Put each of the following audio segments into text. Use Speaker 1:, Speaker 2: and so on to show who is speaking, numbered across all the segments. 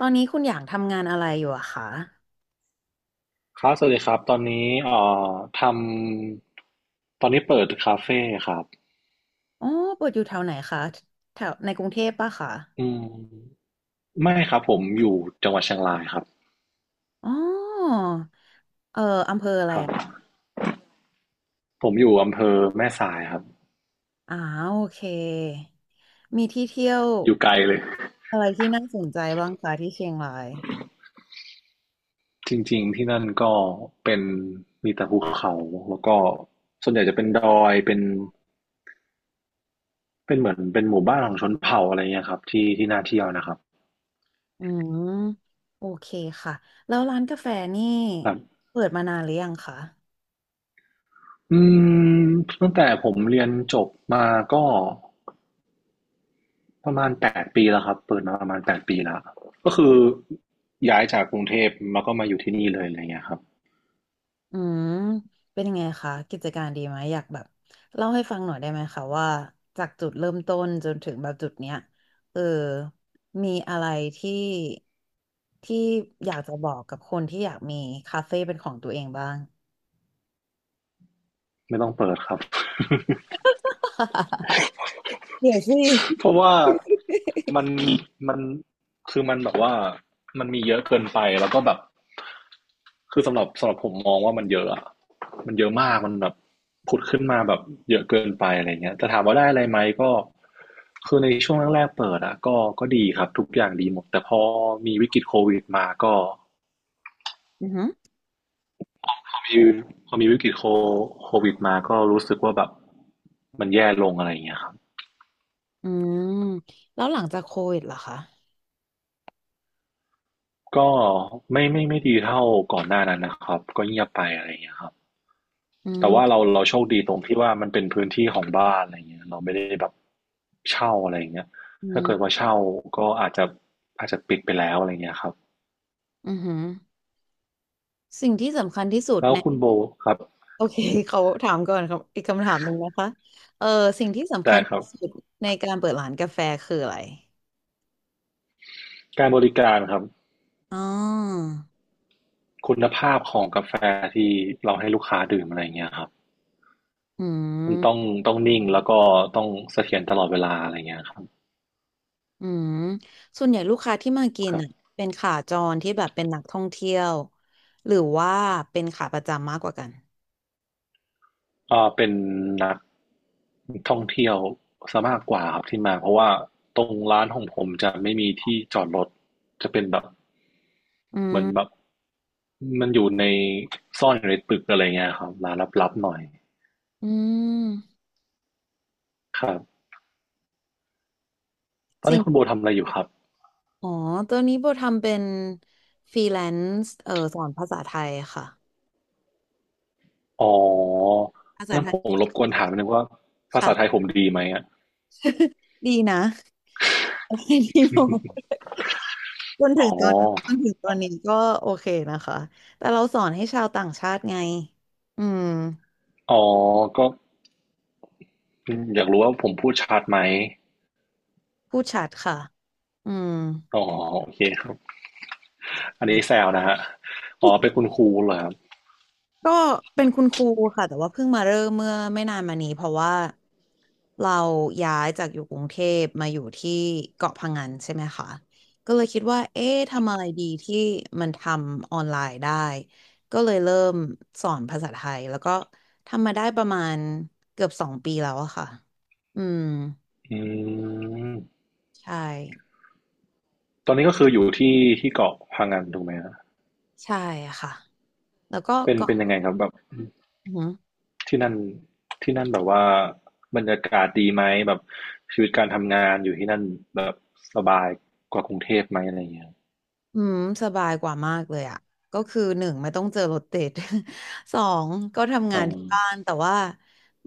Speaker 1: ตอนนี้คุณอย่างทำงานอะไรอยู่อะคะ
Speaker 2: ครับสวัสดีครับตอนนี้เอ่อทำตอนนี้เปิดคาเฟ่ครับ
Speaker 1: อ๋อเปิดอยู่แถวไหนคะแถวในกรุงเทพปะคะ
Speaker 2: อืมไม่ครับผมอยู่จังหวัดเชียงรายครับ
Speaker 1: อ๋อเอออำเภออะไร
Speaker 2: ครับ
Speaker 1: อะ
Speaker 2: ผมอยู่อำเภอแม่สายครับ
Speaker 1: อ๋อโอเค มีที่เที่ยว
Speaker 2: อยู่ไกลเลย
Speaker 1: อะไรที่น่าสนใจบ้างคะที่เชียงราย
Speaker 2: จริงๆที่นั่นก็เป็นมีแต่ภูเขาแล้วก็ส่วนใหญ่จะเป็นดอยเป็นเหมือนเป็นหมู่บ้านของชนเผ่าอะไรเงี้ยครับที่ที่น่าเที่ยวนะครับ
Speaker 1: อืม โอเคค่ะ แล้วร้านกาแฟนี่
Speaker 2: ครับ
Speaker 1: เปิดมานานหรือยังคะ
Speaker 2: อืมตั้งแต่ผมเรียนจบมาก็ ประมาณแปดปีแล้วครับเปิดมาประมาณแปดปีแล้วก็คือย้ายจากกรุงเทพมาก็มาอยู่ที่นี่เลยอะไรเงี้ยครับ
Speaker 1: อืมเป็นยังไงคะกิจการดีไหมอยากแบบเล่าให้ฟังหน่อยได้ไหมคะว่าจากจุดเริ่มต้นจนถึงแบบจุดเนี้ยเออมีอะไรที่ที่อยากจะบอกกับคนที่อยากมีคาเฟ่เป็นของตัวเองบ้าง
Speaker 2: ไม่ต้องเปิดครับ
Speaker 1: เดี๋ยวสิ
Speaker 2: เพราะว่ามันมันคือมันแบบว่ามันมีเยอะเกินไปแล้วก็แบบคือสำหรับผมมองว่ามันเยอะอะมันเยอะมากมันแบบผุดขึ้นมาแบบเยอะเกินไปอะไรเงี้ยแต่ถามว่าได้อะไรไหมก็คือในช่วงแรกๆเปิดอะก็ดีครับทุกอย่างดีหมดแต่พอมีวิกฤตโควิดมาก็
Speaker 1: อือหือ
Speaker 2: มีพอมีวิกฤตโควิดมาก็รู้สึกว่าแบบมันแย่ลงอะไรอย่างเงี้ยครับ
Speaker 1: อืมแล้วหลังจากโควิดล่ะคะ
Speaker 2: ก็ไม่ดีเท่าก่อนหน้านั้นนะครับก็เงียบไปอะไรอย่างเงี้ยครับ
Speaker 1: อื
Speaker 2: แต่ว่า
Speaker 1: ม
Speaker 2: เราโชคดีตรงที่ว่ามันเป็นพื้นที่ของบ้านอะไรอย่างเงี้ยเราไม่ได้แบบเช่าอะไรอย่างเงี้ย
Speaker 1: อื
Speaker 2: ถ้าเกิดว่า
Speaker 1: ม
Speaker 2: เช่าก็อาจจะปิดไปแล้วอะไรอย่างเงี้ยครับ
Speaker 1: อือหือสิ่งที่สำคัญที่สุด
Speaker 2: แล้ว
Speaker 1: ใน
Speaker 2: คุณโบครับ
Speaker 1: โอเค เขาถามก่อนครับอีกคำถามหนึ่งนะคะเออสิ่งที่สำคั
Speaker 2: ได้
Speaker 1: ญ
Speaker 2: ครับ
Speaker 1: ที่สุดในการเปิดร้านกาแฟคืออะไร
Speaker 2: การบริการครับ
Speaker 1: อ๋อ
Speaker 2: คุณภาพของกาแฟที่เราให้ลูกค้าดื่มอะไรอย่างเงี้ยครับ
Speaker 1: อื
Speaker 2: มันต้อง
Speaker 1: ม
Speaker 2: ต้องนิ่งแล้วก็ต้องเสถียรตลอดเวลาอะไรเงี้ยครับ
Speaker 1: อืมส่วนใหญ่ลูกค้าที่มากิน
Speaker 2: ครั
Speaker 1: อ่ะ
Speaker 2: บ
Speaker 1: เป็นขาจรที่แบบเป็นนักท่องเที่ยวหรือว่าเป็นขาประจำมากกว่ากัน
Speaker 2: อ่าเป็นนักท่องเที่ยวซะมากกว่าครับที่มาเพราะว่าตรงร้านของผมจะไม่มีที่จอดรถจะเป็นแบบ
Speaker 1: อื
Speaker 2: เห
Speaker 1: ม
Speaker 2: มือนแบบมันอยู่ในซ่อนอยู่ในตึกอะไรเงี้ยครับร้านลับๆหน่อย
Speaker 1: อืม
Speaker 2: ครับตอน
Speaker 1: สิ่ง
Speaker 2: นี้คุณโบทำอะไรอยู่ครับ
Speaker 1: อ๋อตอนนี้โบทำเป็นฟรีแลนซ์สอนภาษาไทยค่ะ
Speaker 2: อ๋อ
Speaker 1: ภาษา
Speaker 2: งั้
Speaker 1: ไท
Speaker 2: นผ
Speaker 1: ย
Speaker 2: มรบกวนถามนิดนึงว่าภาษาไทย
Speaker 1: ค่ะ
Speaker 2: ผมดีไหมอะ
Speaker 1: ดีนะ ดีโบ จนถึ
Speaker 2: อ๋
Speaker 1: งตอนจ
Speaker 2: อ
Speaker 1: นถึงตอนนี้ก็โอเคนะคะแต่เราสอนให้ชาวต่างชาติไงอืม
Speaker 2: อ๋อก็อยากรู้ว่าผมพูดชัดไหม
Speaker 1: พูดชัดค่ะอืม
Speaker 2: อ๋อโอเคครับอันนี้แซวนะครับอ๋อเป็นคุณครูเหรอครับ
Speaker 1: ก็เป็นคุณครูค่ะแต่ว่าเพิ่งมาเริ่มเมื่อไม่นานมานี้เพราะว่าเราย้ายจากอยู่กรุงเทพมาอยู่ที่เกาะพะงันใช่ไหมคะก็เลยคิดว่าเอ๊ะทำอะไรดีที่มันทำออนไลน์ได้ก็เลยเริ่มสอนภาษาไทยแล้วก็ทำมาได้ประมาณเกือบสองปีแล้วอะค่ะอืม
Speaker 2: อืม
Speaker 1: ใช่
Speaker 2: ตอนนี้ก็คืออยู่ที่เกาะพะงันถูกไหมฮะ
Speaker 1: ใช่ค่ะแล้วก็
Speaker 2: เป็น
Speaker 1: ก่อ
Speaker 2: เป็น
Speaker 1: น
Speaker 2: ยังไงครับแบบ
Speaker 1: อือหือ
Speaker 2: ที่นั่นแบบว่าบรรยากาศดีไหมแบบชีวิตการทำงานอยู่ที่นั่นแบบสบายกว่ากรุงเทพไหมอะไรอย่างเงี้ย
Speaker 1: อืมสบายกว่ามากเลยอ่ะก็คือหนึ่งไม่ต้องเจอรถติด สองก็ทำ
Speaker 2: อ๋
Speaker 1: งา
Speaker 2: อ
Speaker 1: นที่บ้านแต่ว่า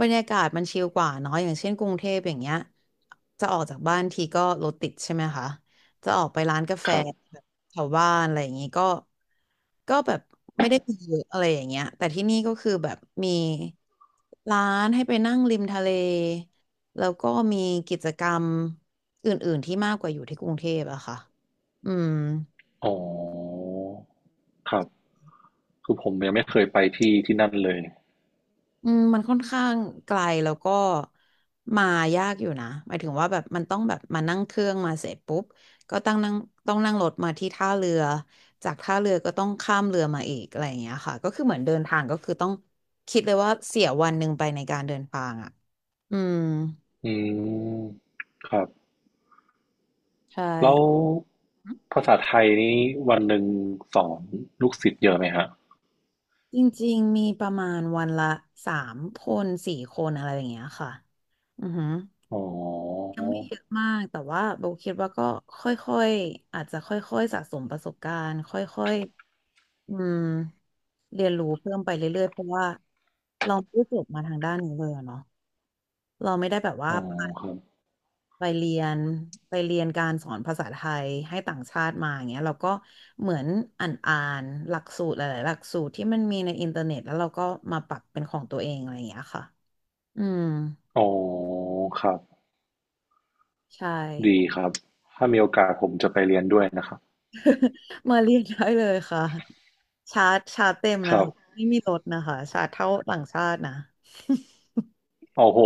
Speaker 1: บรรยากาศมันชิลกว่าเนาะอย่างเช่นกรุงเทพอย่างเงี้ยจะออกจากบ้านทีก็รถติดใช่ไหมคะจะออกไปร้านกาแฟ
Speaker 2: ครับ
Speaker 1: แบบแถวบ้านอะไรอย่างงี้ก็ก็แบบไม่ได้มีเยอะอะไรอย่างเงี้ยแต่ที่นี่ก็คือแบบมีร้านให้ไปนั่งริมทะเลแล้วก็มีกิจกรรมอื่นๆที่มากกว่าอยู่ที่กรุงเทพอะค่ะอืม
Speaker 2: อ๋อครับคือผมยังไม่เคยไปที่ที่นั่นเลย
Speaker 1: อืมมันค่อนข้างไกลแล้วก็มายากอยู่นะหมายถึงว่าแบบมันต้องแบบมานั่งเครื่องมาเสร็จปุ๊บก็ต้องนั่งรถมาที่ท่าเรือจากท่าเรือก็ต้องข้ามเรือมาอีกอะไรอย่างเงี้ยค่ะก็คือเหมือนเดินทางก็คือต้องคิดเลยว่าเสียวันหนึ่งไปในการเดินทางอ่ะอืม
Speaker 2: อืมครับ
Speaker 1: ใช่
Speaker 2: แล้วภาษาไทยนี่วันหนึ่งสอนลูกศิษย์เยอะไหมฮะ
Speaker 1: จริงๆมีประมาณวันละสามคนสี่คนอะไรอย่างเงี้ยค่ะอือหือ
Speaker 2: อ๋อ
Speaker 1: ยังไม่เยอะมากแต่ว่าโบคิดว่าก็ค่อยๆอาจจะค่อยๆสะสมประสบการณ์ค่อยๆอืมเรียนรู้เพิ่มไปเรื่อยๆเพราะว่าเราไม่ได้จบมาทางด้านนี้เลยอะเนาะเราไม่ได้แบบว่า
Speaker 2: อ๋อครับ
Speaker 1: ไปเรียนไปเรียนการสอนภาษาไทยให้ต่างชาติมาอย่างเงี้ยเราก็เหมือนอ่านหลักสูตรหลายๆหลักสูตรที่มันมีในอินเทอร์เน็ตแล้วเราก็มาปรับเป็นของตัวเองอะไรอย่างเงี้ยค่ะอืม
Speaker 2: อ๋อครับ
Speaker 1: ใช่
Speaker 2: ดีครับถ้ามีโอกาสผมจะไปเรียนด้วยนะครับ
Speaker 1: มาเรียนได้เลยค่ะ ชาร์จเต็ม
Speaker 2: ค
Speaker 1: นะ
Speaker 2: รับ
Speaker 1: คะไม่มีลดนะคะชาร์จเท่าต่างชาตินะ
Speaker 2: โอ้โห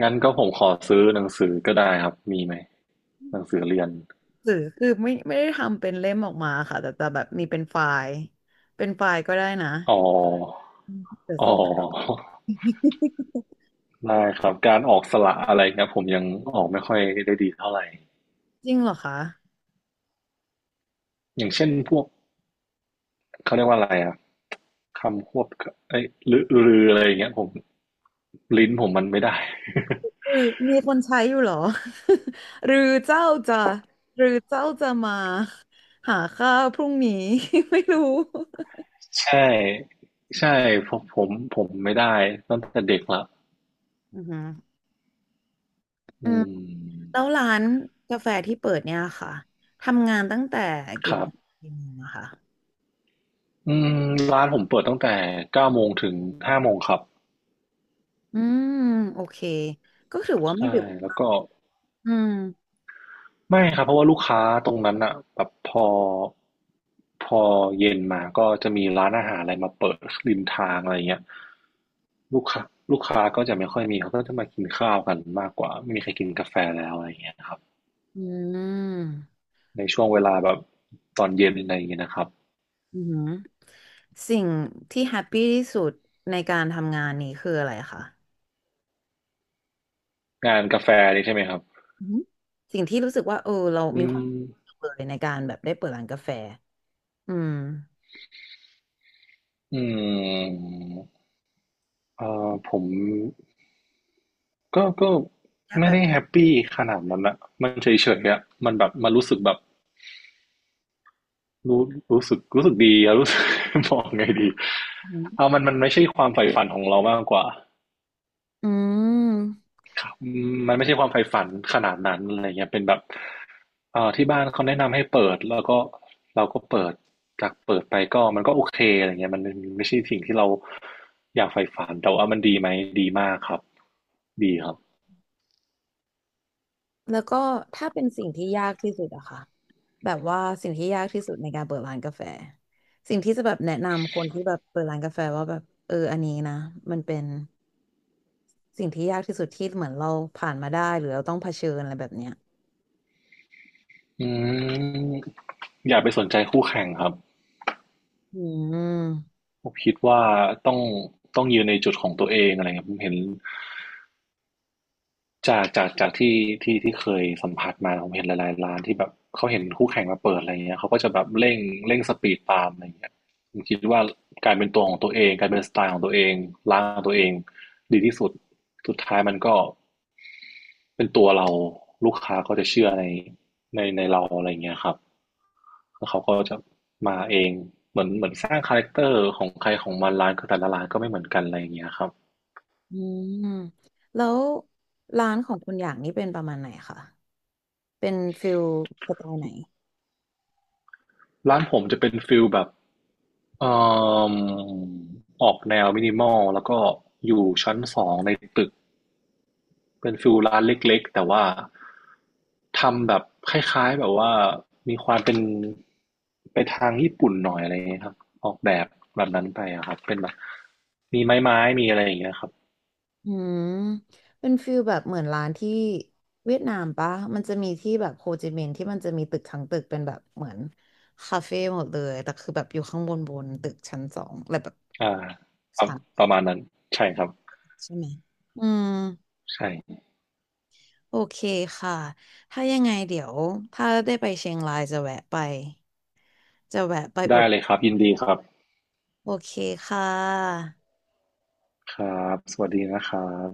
Speaker 2: งั้นก็ผมขอซื้อหนังสือก็ได้ครับมีไหมหนังสือเรียน
Speaker 1: หรือคือไม่ได้ทำเป็นเล่มออกมาค่ะแต่แบบมีเป็นไฟล์เป็นไฟล์ก็ได้นะ
Speaker 2: อ๋อ
Speaker 1: อืมเดี๋ยว
Speaker 2: อ๋อ
Speaker 1: ส่ง
Speaker 2: ได้ครับการออกสระอะไรเงี้ยผมยังออกไม่ค่อยได้ดีเท่าไหร่
Speaker 1: จริงเหรอคะ
Speaker 2: อย่างเช่นพวกเขาเรียกว่าอะไรอะ คำควบเอ้ยรือหรืออะไรอย่างเงี้ยผมลิ้นผมมันไม่ได้
Speaker 1: หรือมีคนใช้อยู่เหรอ หรือเจ้าจะหรือเจ้าจะมาหาข้าวพรุ่งนี้ ไม่รู้
Speaker 2: ใช่ใช่ผมผมไม่ได้ตั้งแต่เด็กละ
Speaker 1: อือฮึอื
Speaker 2: อื
Speaker 1: ม
Speaker 2: ม
Speaker 1: แล้วร้านกาแฟที่เปิดเนี่ยค่ะทำงานตั้งแต่
Speaker 2: ค
Speaker 1: กี่
Speaker 2: รั
Speaker 1: โม
Speaker 2: บ
Speaker 1: งถึงกี่โมงอะคะ
Speaker 2: อืมร้านผมเปิดตั้งแต่เก้าโมงถึงห้าโมงครับ
Speaker 1: อืมโอเคก็ถือว่าไม่
Speaker 2: ใช่
Speaker 1: ดึก
Speaker 2: แล้วก็
Speaker 1: อืม
Speaker 2: ไม่ครับเพราะว่าลูกค้าตรงนั้นอะแบบพอเย็นมาก็จะมีร้านอาหารอะไรมาเปิดริมทางอะไรเงี้ยลูกค้าก็จะไม่ค่อยมีเขาก็จะมากินข้าวกันมากกว่าไม่มีใครกินกาแฟแล้วอะไรเงี้ยครับ
Speaker 1: อืม
Speaker 2: ในช่วงเวลาแบบตอนเย็นอะไรอย่างเงี้ยนะครับ
Speaker 1: อืมสิ่งที่แฮปปี้ที่สุดในการทำงานนี้คืออะไรคะ
Speaker 2: งานกาแฟนี่ใช่ไหมครับ
Speaker 1: อืมสิ่งที่รู้สึกว่าเออเรา
Speaker 2: อื
Speaker 1: มีความ
Speaker 2: ม
Speaker 1: สุขเลยในการแบบได้เปิดร้านกาแฟอืม
Speaker 2: อืมผมก็
Speaker 1: ยาก
Speaker 2: ไม่
Speaker 1: แบบ
Speaker 2: ได้แฮปปี้ขนาดนั้นอะมันเฉยๆอะมันแบบมันรู้สึกแบบ รู้รู้สึกดีอะ รู้สึก บอกไงดี
Speaker 1: อืม
Speaker 2: เอามันไม่ใช่ความใฝ่ฝันของเรามากกว่า
Speaker 1: อืม
Speaker 2: อืมมันไม่ใช่ความใฝ่ฝันขนาดนั้นอะไรเงี้ยเป็นแบบที่บ้านเขาแนะนำให้เปิดแล้วก็เราก็เปิดจากเปิดไปก็มันก็โอเคอะไรเงี้ยมันไม่ใช่สิ่งที่เราอยากใฝ่ฝันแต่ว่ามันดีไหมดีมากครับดีครับ
Speaker 1: แล้วก็ถ้าเป็นสิ่งที่ยากที่สุดอะค่ะแบบว่าสิ่งที่ยากที่สุดในการเปิดร้านกาแฟสิ่งที่จะแบบแนะนำคนที่แบบเปิดร้านกาแฟว่าแบบเอออันนี้นะมันเป็น สิ่งที่ยากที่สุดที่เหมือนเราผ่านมาได้หรือเราต้องเผชิญอะไรแบบเนี้ย
Speaker 2: อืมอย่าไปสนใจคู่แข่งครับ
Speaker 1: อืม
Speaker 2: ผมคิดว่าต้องต้องยืนในจุดของตัวเองอะไรเงี้ยผมเห็น จากที่ที่เคยสัมผัสมาผมเห็นหลายๆร้านที่แบบเขาเห็นคู่แข่งมาเปิดอะไรเงี้ยเขาก็จะแบบเร่งสปีดตามอะไรเงี้ยผมคิดว่าการเป็นตัวของตัวเองการเป็นสไตล์ของตัวเองร้านของตัวเองดีที่สุดสุดท้ายมันก็เป็นตัวเราลูกค้าก็จะเชื่อในเราอะไรเงี้ยครับแล้วเขาก็จะมาเองเหมือนสร้างคาแรคเตอร์ของใครของมันร้านก็แต่ละร้านก็ไม่เหมือนกันอะไรเงี้ยครับ
Speaker 1: อืมแล้วร้านของคุณอย่างนี้เป็นประมาณไหนคะเป็นฟิลสไตล์ไหน
Speaker 2: ร้านผมจะเป็นฟิลแบบ เอ่อออกแนวมินิมอลแล้วก็อยู่ชั้นสองในตึกเป็นฟิลร้านเล็กๆแต่ว่าทำแบบคล้ายๆแบบว่ามีความเป็นไปทางญี่ปุ่นหน่อยอะไรอย่างเงี้ยครับออกแบบแบบนั้นไปอะครับเป็นแบบมีไม้ไม้มีอะไรอย่างเงี้ยครับ
Speaker 1: อืมเป็นฟิลแบบเหมือนร้านที่เวียดนามปะมันจะมีที่แบบโฮจิมินห์ที่มันจะมีตึกทั้งตึกเป็นแบบเหมือนคาเฟ่หมดเลยแต่คือแบบอยู่ข้างบนบนตึกชั้นสองอะไรแบบ
Speaker 2: อ่าครับ
Speaker 1: ชั้น
Speaker 2: ประมาณนั้นใช่ครับ
Speaker 1: ใช่ไหมอืม
Speaker 2: ใช่
Speaker 1: โอเคค่ะ ถ้ายังไงเดี๋ยวถ้าได้ไปเชียงรายจะแวะไป จะแวะไปอุ
Speaker 2: ได้
Speaker 1: ด
Speaker 2: เลยครับยินดีครับ
Speaker 1: โอเคค่ะ
Speaker 2: ครับสวัสดีนะครับ